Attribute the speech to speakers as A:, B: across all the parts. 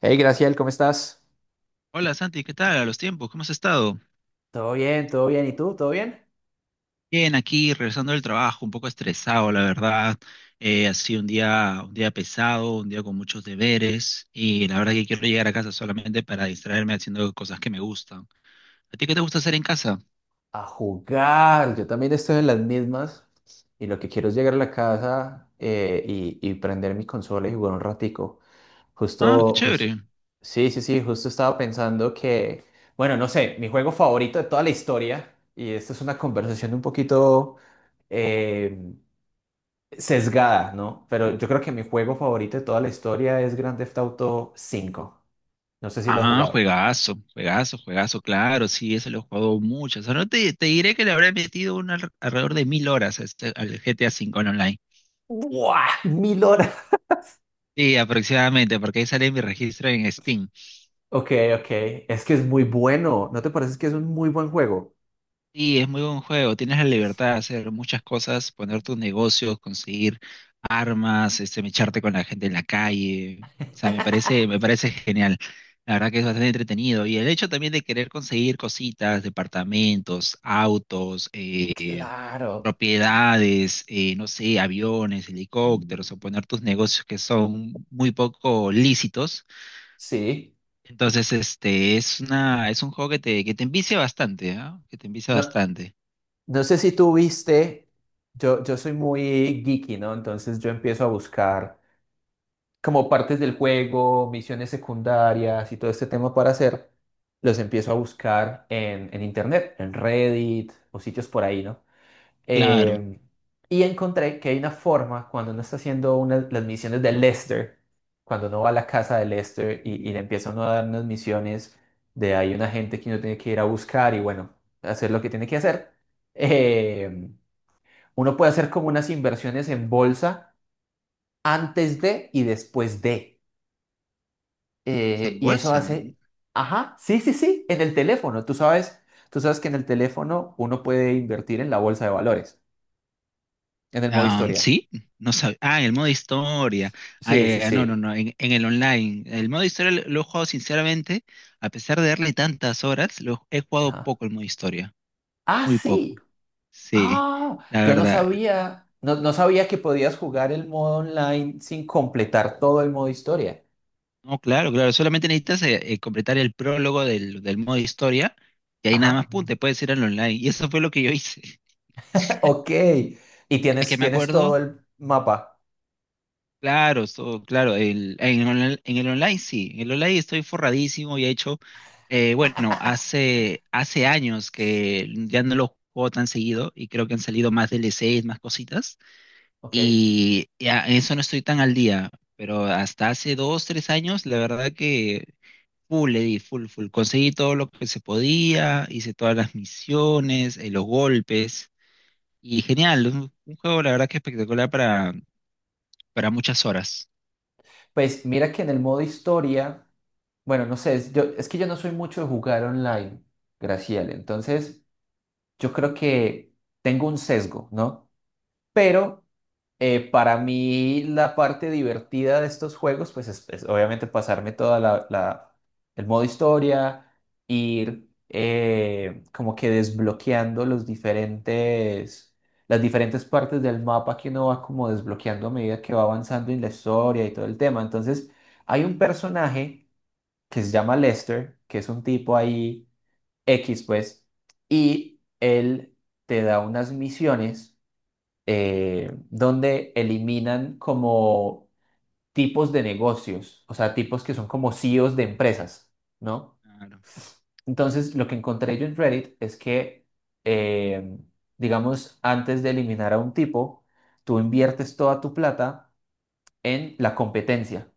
A: Hey, Graciel, ¿cómo estás?
B: Hola Santi, ¿qué tal? A los tiempos, ¿cómo has estado?
A: Todo bien, todo bien. ¿Y tú? ¿Todo bien?
B: Bien, aquí regresando del trabajo, un poco estresado, la verdad. Ha sido un día pesado, un día con muchos deberes y la verdad que quiero llegar a casa solamente para distraerme haciendo cosas que me gustan. ¿A ti qué te gusta hacer en casa?
A: A jugar. Yo también estoy en las mismas y lo que quiero es llegar a la casa y prender mi consola y jugar un ratico.
B: Ah, qué
A: Justo, jus-
B: chévere.
A: sí, sí, sí, justo estaba pensando que bueno, no sé, mi juego favorito de toda la historia, y esto es una conversación un poquito eh, sesgada, ¿no? Pero yo creo que mi juego favorito de toda la historia es Grand Theft Auto 5. No sé si lo has
B: Ah,
A: jugado.
B: juegazo, juegazo, juegazo, claro, sí, eso lo he jugado mucho. O sea, no te diré que le habré metido alrededor de 1000 horas a al GTA V en online.
A: ¡Buah! 1.000 horas.
B: Sí, aproximadamente, porque ahí sale mi registro en Steam.
A: Ok, ok. Es que es muy bueno. ¿No te parece que es un muy buen juego?
B: Sí, es muy buen juego. Tienes la libertad de hacer muchas cosas, poner tus negocios, conseguir armas, este, mecharte con la gente en la calle. O sea, me parece genial. La verdad que es bastante entretenido. Y el hecho también de querer conseguir cositas, departamentos, autos,
A: Claro.
B: propiedades, no sé, aviones, helicópteros, o poner tus negocios que son muy poco lícitos.
A: Sí.
B: Entonces, este, es un juego que te envicia bastante, ¿ah? Que te envicia
A: No,
B: bastante.
A: no sé si tú viste. Yo soy muy geeky, ¿no? Entonces yo empiezo a buscar como partes del juego, misiones secundarias y todo este tema para hacer. Los empiezo a buscar en internet, en Reddit o sitios por ahí, ¿no?
B: Claro.
A: Eh, y encontré que hay una forma cuando uno está haciendo las misiones de Lester, cuando uno va a la casa de Lester y le empieza uno a dar unas misiones de hay una gente que uno tiene que ir a buscar y bueno, hacer lo que tiene que hacer. eh, Uno puede hacer como unas inversiones en bolsa antes de y después de.
B: Se
A: Y eso hace,
B: embolsan.
A: ajá, sí, sí, sí, en el teléfono. Tú sabes que en el teléfono uno puede invertir en la bolsa de valores, en el modo
B: Ah,
A: historia.
B: sí, no sabía. Ah, el modo historia. Ah,
A: Sí,
B: ya,
A: sí,
B: ya, no, no,
A: sí.
B: no, en el online. El modo historia lo he jugado sinceramente, a pesar de darle tantas horas, lo he jugado
A: Ajá.
B: poco el modo historia,
A: Ah,
B: muy
A: sí.
B: poco. Sí,
A: Ah,
B: la
A: yo no
B: verdad.
A: sabía, no, no sabía que podías jugar el modo online sin completar todo el modo historia.
B: No, claro, claro, solamente necesitas completar el prólogo del, del modo historia y ahí nada más,
A: Ajá.
B: pum, te puedes ir al online. Y eso fue lo que yo hice.
A: Ok. Y
B: Es que
A: tienes,
B: me
A: tienes todo
B: acuerdo.
A: el mapa.
B: Claro, en el online sí, en el online estoy forradísimo y he hecho, bueno, hace años que ya no lo juego tan seguido y creo que han salido más DLCs, más cositas
A: Ok.
B: y ya en eso no estoy tan al día, pero hasta hace dos, tres años la verdad que full le di, full, full, conseguí todo lo que se podía, hice todas las misiones, los golpes y genial, un juego la verdad que espectacular para muchas horas.
A: Pues mira que en el modo historia, bueno, no sé, es que yo no soy mucho de jugar online, Graciela. Entonces, yo creo que tengo un sesgo, ¿no? Pero para mí la parte divertida de estos juegos, pues es obviamente pasarme toda el modo historia, ir como que desbloqueando las diferentes partes del mapa que uno va como desbloqueando a medida que va avanzando en la historia y todo el tema. Entonces, hay un personaje que se llama Lester, que es un tipo ahí X, pues, y él te da unas misiones donde eliminan como tipos de negocios, o sea, tipos que son como CEOs de empresas, ¿no? Entonces, lo que encontré yo en Reddit es que eh, digamos, antes de eliminar a un tipo, tú inviertes toda tu plata en la competencia,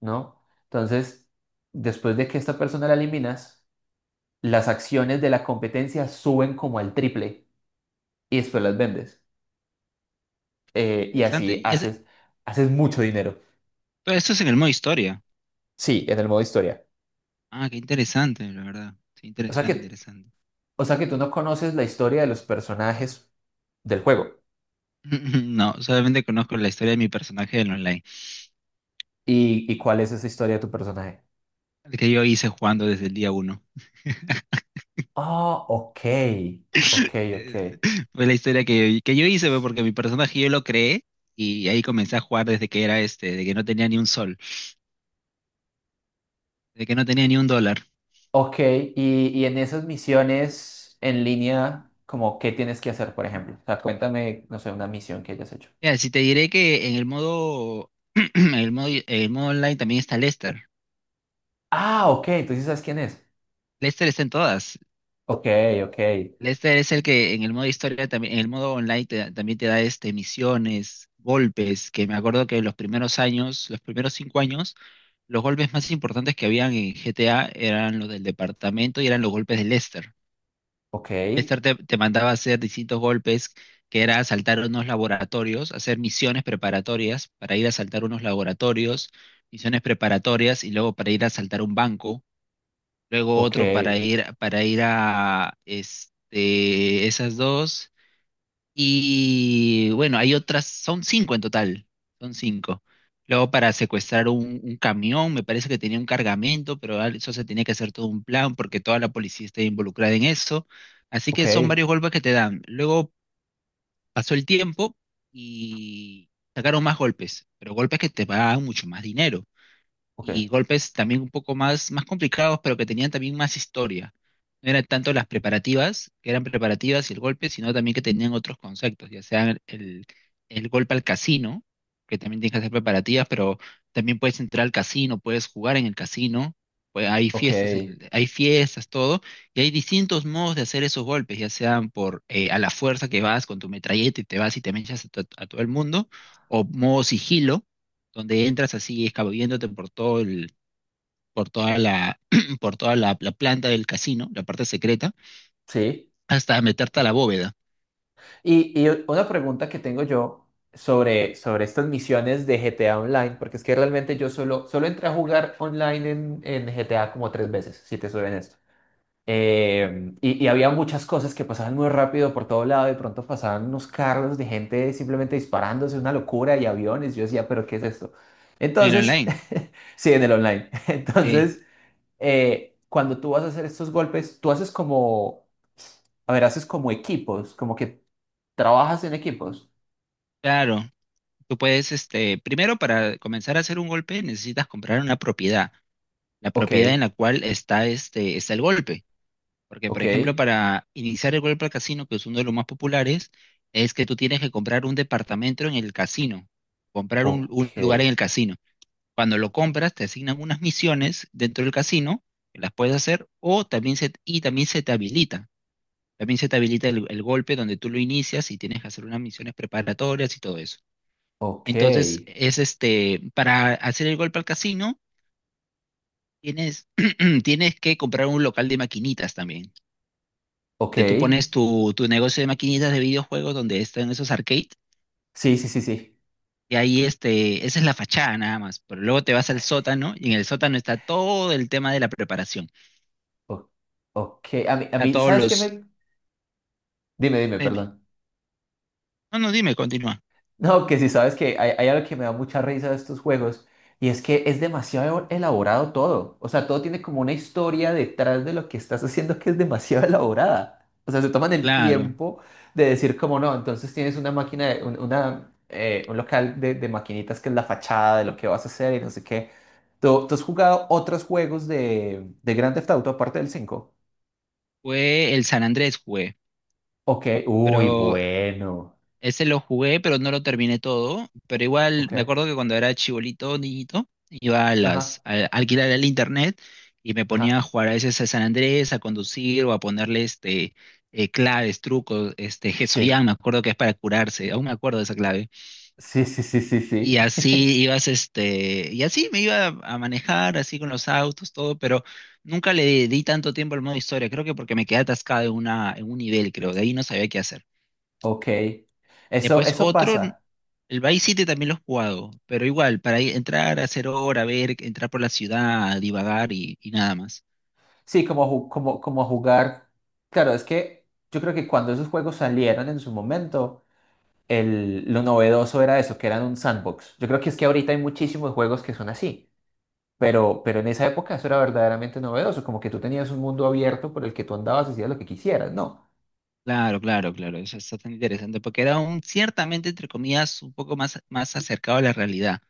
A: ¿no? Entonces, después de que esta persona la eliminas, las acciones de la competencia suben como al triple y después las vendes. Y
B: Interesante.
A: así haces mucho dinero.
B: Todo eso es en el modo historia.
A: Sí, en el modo historia.
B: Ah, qué interesante, la verdad. Sí,
A: O sea
B: interesante,
A: que,
B: interesante.
A: o sea que tú no conoces la historia de los personajes del juego.
B: No, solamente conozco la historia de mi personaje del online,
A: ¿Y cuál es esa historia de tu personaje?
B: el que yo hice jugando desde el día uno.
A: Ah, ok. Ok, ok.
B: Eh, fue la historia que yo hice, pues, porque mi personaje yo lo creé y ahí comencé a jugar desde que era este, de que no tenía ni un sol, de que no tenía ni un dólar.
A: Ok, y en esas misiones en línea, como qué tienes que hacer, por ejemplo. O sea, cuéntame, no sé, una misión que hayas hecho.
B: Mira, si te diré que en el modo, en el modo online también está Lester.
A: Ah, ok, entonces sabes quién es.
B: Lester está en todas.
A: Ok, ok,
B: Lester es el que en el modo historia también, en el modo online también te da este misiones, golpes, que me acuerdo que en los primeros años, los primeros 5 años, los golpes más importantes que habían en GTA eran los del departamento y eran los golpes de Lester.
A: ok,
B: Lester te mandaba a hacer distintos golpes, que era asaltar unos laboratorios, hacer misiones preparatorias para ir a asaltar unos laboratorios, misiones preparatorias y luego para ir a asaltar un banco luego
A: ok,
B: otro para ir a este, esas dos. Y bueno, hay otras, son cinco en total, son cinco. Luego para secuestrar un camión, me parece que tenía un cargamento, pero eso se tenía que hacer todo un plan porque toda la policía está involucrada en eso. Así
A: ok,
B: que son varios golpes que te dan. Luego pasó el tiempo y sacaron más golpes, pero golpes que te pagan mucho más dinero y
A: ok,
B: golpes también un poco más complicados, pero que tenían también más historia. No eran tanto las preparativas, que eran preparativas y el golpe, sino también que tenían otros conceptos, ya sea el golpe al casino, que también tienes que hacer preparativas, pero también puedes entrar al casino, puedes jugar en el casino, pues hay
A: ok.
B: fiestas, hay fiestas, todo, y hay distintos modos de hacer esos golpes, ya sean por a la fuerza que vas con tu metralleta y te vas y te mechas a todo el mundo, o modo sigilo donde entras así escabulléndote por todo el, por toda la, por toda la planta del casino, la parte secreta,
A: Sí.
B: hasta meterte a la bóveda
A: Y una pregunta que tengo yo sobre estas misiones de GTA Online, porque es que realmente yo solo entré a jugar online en GTA como tres veces, si te soy honesto. Y había muchas cosas que pasaban muy rápido por todo lado, de pronto pasaban unos carros de gente simplemente disparándose, una locura, y aviones, yo decía, pero ¿qué es esto?
B: en el
A: Entonces,
B: online.
A: sí, en el online.
B: Sí,
A: Entonces, cuando tú vas a hacer estos golpes, tú haces como... A ver, haces como equipos, como que ¿Trabajas en equipos?
B: claro. Tú puedes, este, primero para comenzar a hacer un golpe necesitas comprar una propiedad, la
A: Ok,
B: propiedad en la cual está este, está el golpe. Porque, por
A: ok,
B: ejemplo, para iniciar el golpe al casino, que es uno de los más populares, es que tú tienes que comprar un departamento en el casino, comprar un
A: ok,
B: lugar en el casino. Cuando lo compras, te asignan unas misiones dentro del casino, que las puedes hacer, o también se, y también se te habilita. También se te habilita el golpe donde tú lo inicias y tienes que hacer unas misiones preparatorias y todo eso.
A: ok,
B: Entonces, es este, para hacer el golpe al casino, tienes, tienes que comprar un local de maquinitas también.
A: ok.
B: Donde tú pones tu negocio de maquinitas de videojuegos donde están esos arcades.
A: Sí, sí, sí, sí.
B: Y ahí este, esa es la fachada nada más. Pero luego te vas al sótano y en el sótano está todo el tema de la preparación.
A: O- ok, a mí, a
B: Está
A: mí,
B: todos
A: ¿sabes qué
B: los,
A: me...? Dime,
B: dime,
A: dime,
B: dime.
A: perdón.
B: No, no, dime, continúa.
A: No, que si sabes que hay algo que me da mucha risa de estos juegos y es que es demasiado elaborado todo. O sea, todo tiene como una historia detrás de lo que estás haciendo que es demasiado elaborada. O sea, se toman el
B: Claro,
A: tiempo de decir como no, entonces tienes una máquina, un local de maquinitas que es la fachada de lo que vas a hacer y no sé qué. ¿Tú has jugado otros juegos de Grand Theft Auto aparte del 5?
B: fue el San Andrés jugué,
A: Ok, uy,
B: pero
A: bueno.
B: ese lo jugué, pero no lo terminé todo. Pero igual
A: Ok,
B: me acuerdo que cuando era chibolito, niñito, iba a las
A: ajá,
B: a alquilar el internet y me ponía
A: ajá,
B: a jugar a veces a San Andrés, a conducir o a ponerle este claves, trucos, este Hesoyam,
A: sí,
B: me acuerdo que es para curarse, aún me acuerdo de esa clave.
A: sí, sí, sí, sí, sí.
B: Y así ibas, este, y así me iba a manejar, así con los autos, todo, pero nunca le di tanto tiempo al modo historia, creo que porque me quedé atascado en un nivel, creo, de ahí no sabía qué hacer.
A: Ok, eso,
B: Después
A: eso
B: otro,
A: pasa.
B: el Vice City también lo he jugado, pero igual, para entrar, hacer hora, ver, entrar por la ciudad, divagar y nada más.
A: Sí, como jugar. Claro, es que yo creo que cuando esos juegos salieron en su momento, lo novedoso era eso, que eran un sandbox. Yo creo que es que ahorita hay muchísimos juegos que son así, pero en esa época eso era verdaderamente novedoso, como que tú tenías un mundo abierto por el que tú andabas y hacías lo que quisieras, ¿no?
B: Claro, claro, claro, eso está tan interesante, porque era un, ciertamente, entre comillas, un poco más acercado a la realidad.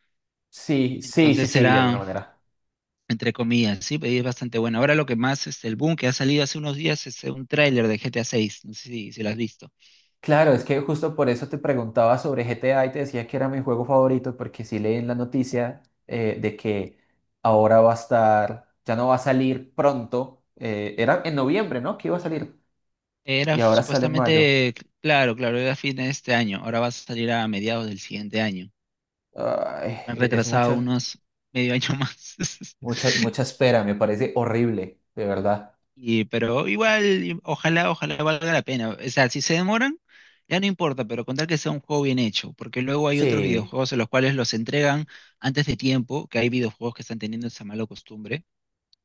A: Sí, sí, sí,
B: Entonces
A: sí, de alguna
B: era
A: manera.
B: entre comillas, sí, pero es bastante bueno. Ahora lo que más, este, el boom que ha salido hace unos días es un tráiler de GTA 6, no sé si lo has visto.
A: Claro, es que justo por eso te preguntaba sobre GTA y te decía que era mi juego favorito, porque sí leí en la noticia de que ahora va a estar, ya no va a salir pronto, era en noviembre, ¿no? Que iba a salir, y
B: Era
A: ahora sale en mayo.
B: supuestamente, claro, claro, era fin de este año, ahora va a salir a mediados del siguiente año.
A: Ay,
B: Han
A: es
B: retrasado
A: mucha,
B: unos medio año más.
A: mucha, mucha espera, me parece horrible, de verdad.
B: Y, pero igual, ojalá, ojalá valga la pena. O sea, si se demoran, ya no importa, pero con tal que sea un juego bien hecho, porque luego hay otros
A: Sí,
B: videojuegos en los cuales los entregan antes de tiempo, que hay videojuegos que están teniendo esa mala costumbre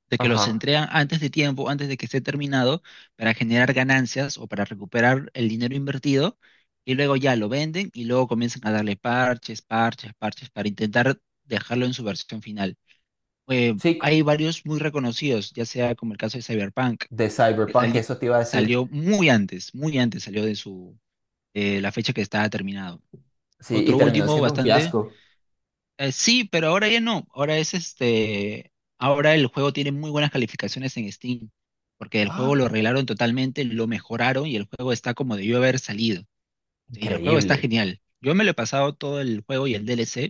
B: de que los
A: ajá.
B: entregan antes de tiempo, antes de que esté terminado, para generar ganancias o para recuperar el dinero invertido, y luego ya lo venden y luego comienzan a darle parches, parches, parches para intentar dejarlo en su versión final.
A: Sí,
B: Hay varios muy reconocidos, ya sea como el caso de Cyberpunk,
A: de
B: que
A: Cyberpunk,
B: sali-
A: eso te iba a decir.
B: salió muy antes salió de la fecha que estaba terminado.
A: Sí, y
B: Otro
A: terminó
B: último
A: siendo un
B: bastante
A: fiasco.
B: sí, pero ahora ya no. Ahora es este. Ahora el juego tiene muy buenas calificaciones en Steam. Porque el juego
A: Ah,
B: lo arreglaron totalmente, lo mejoraron y el juego está como debió haber salido. Y el juego está
A: increíble.
B: genial. Yo me lo he pasado todo el juego y el DLC.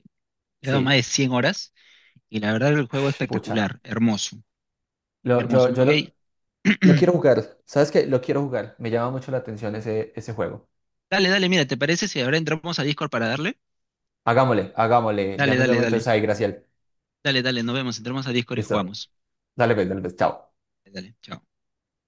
B: Le he dado más de
A: Sí,
B: 100 horas. Y la verdad, el juego es
A: pucha.
B: espectacular. Hermoso.
A: Lo,
B: Hermoso.
A: yo,
B: Me
A: yo lo,
B: voy- a-
A: Lo quiero jugar. ¿Sabes qué? Lo quiero jugar. Me llama mucho la atención ese juego.
B: Dale, dale, mira, ¿te parece si ahora entramos a Discord para darle?
A: Hagámosle, hagámosle. Ya
B: Dale,
A: nos
B: dale,
A: vemos entonces
B: dale.
A: ahí, Graciel.
B: Dale, dale, nos vemos. Entramos a Discord y
A: Listo.
B: jugamos.
A: Dale, pues, dale, pues. Chao.
B: Dale, chao.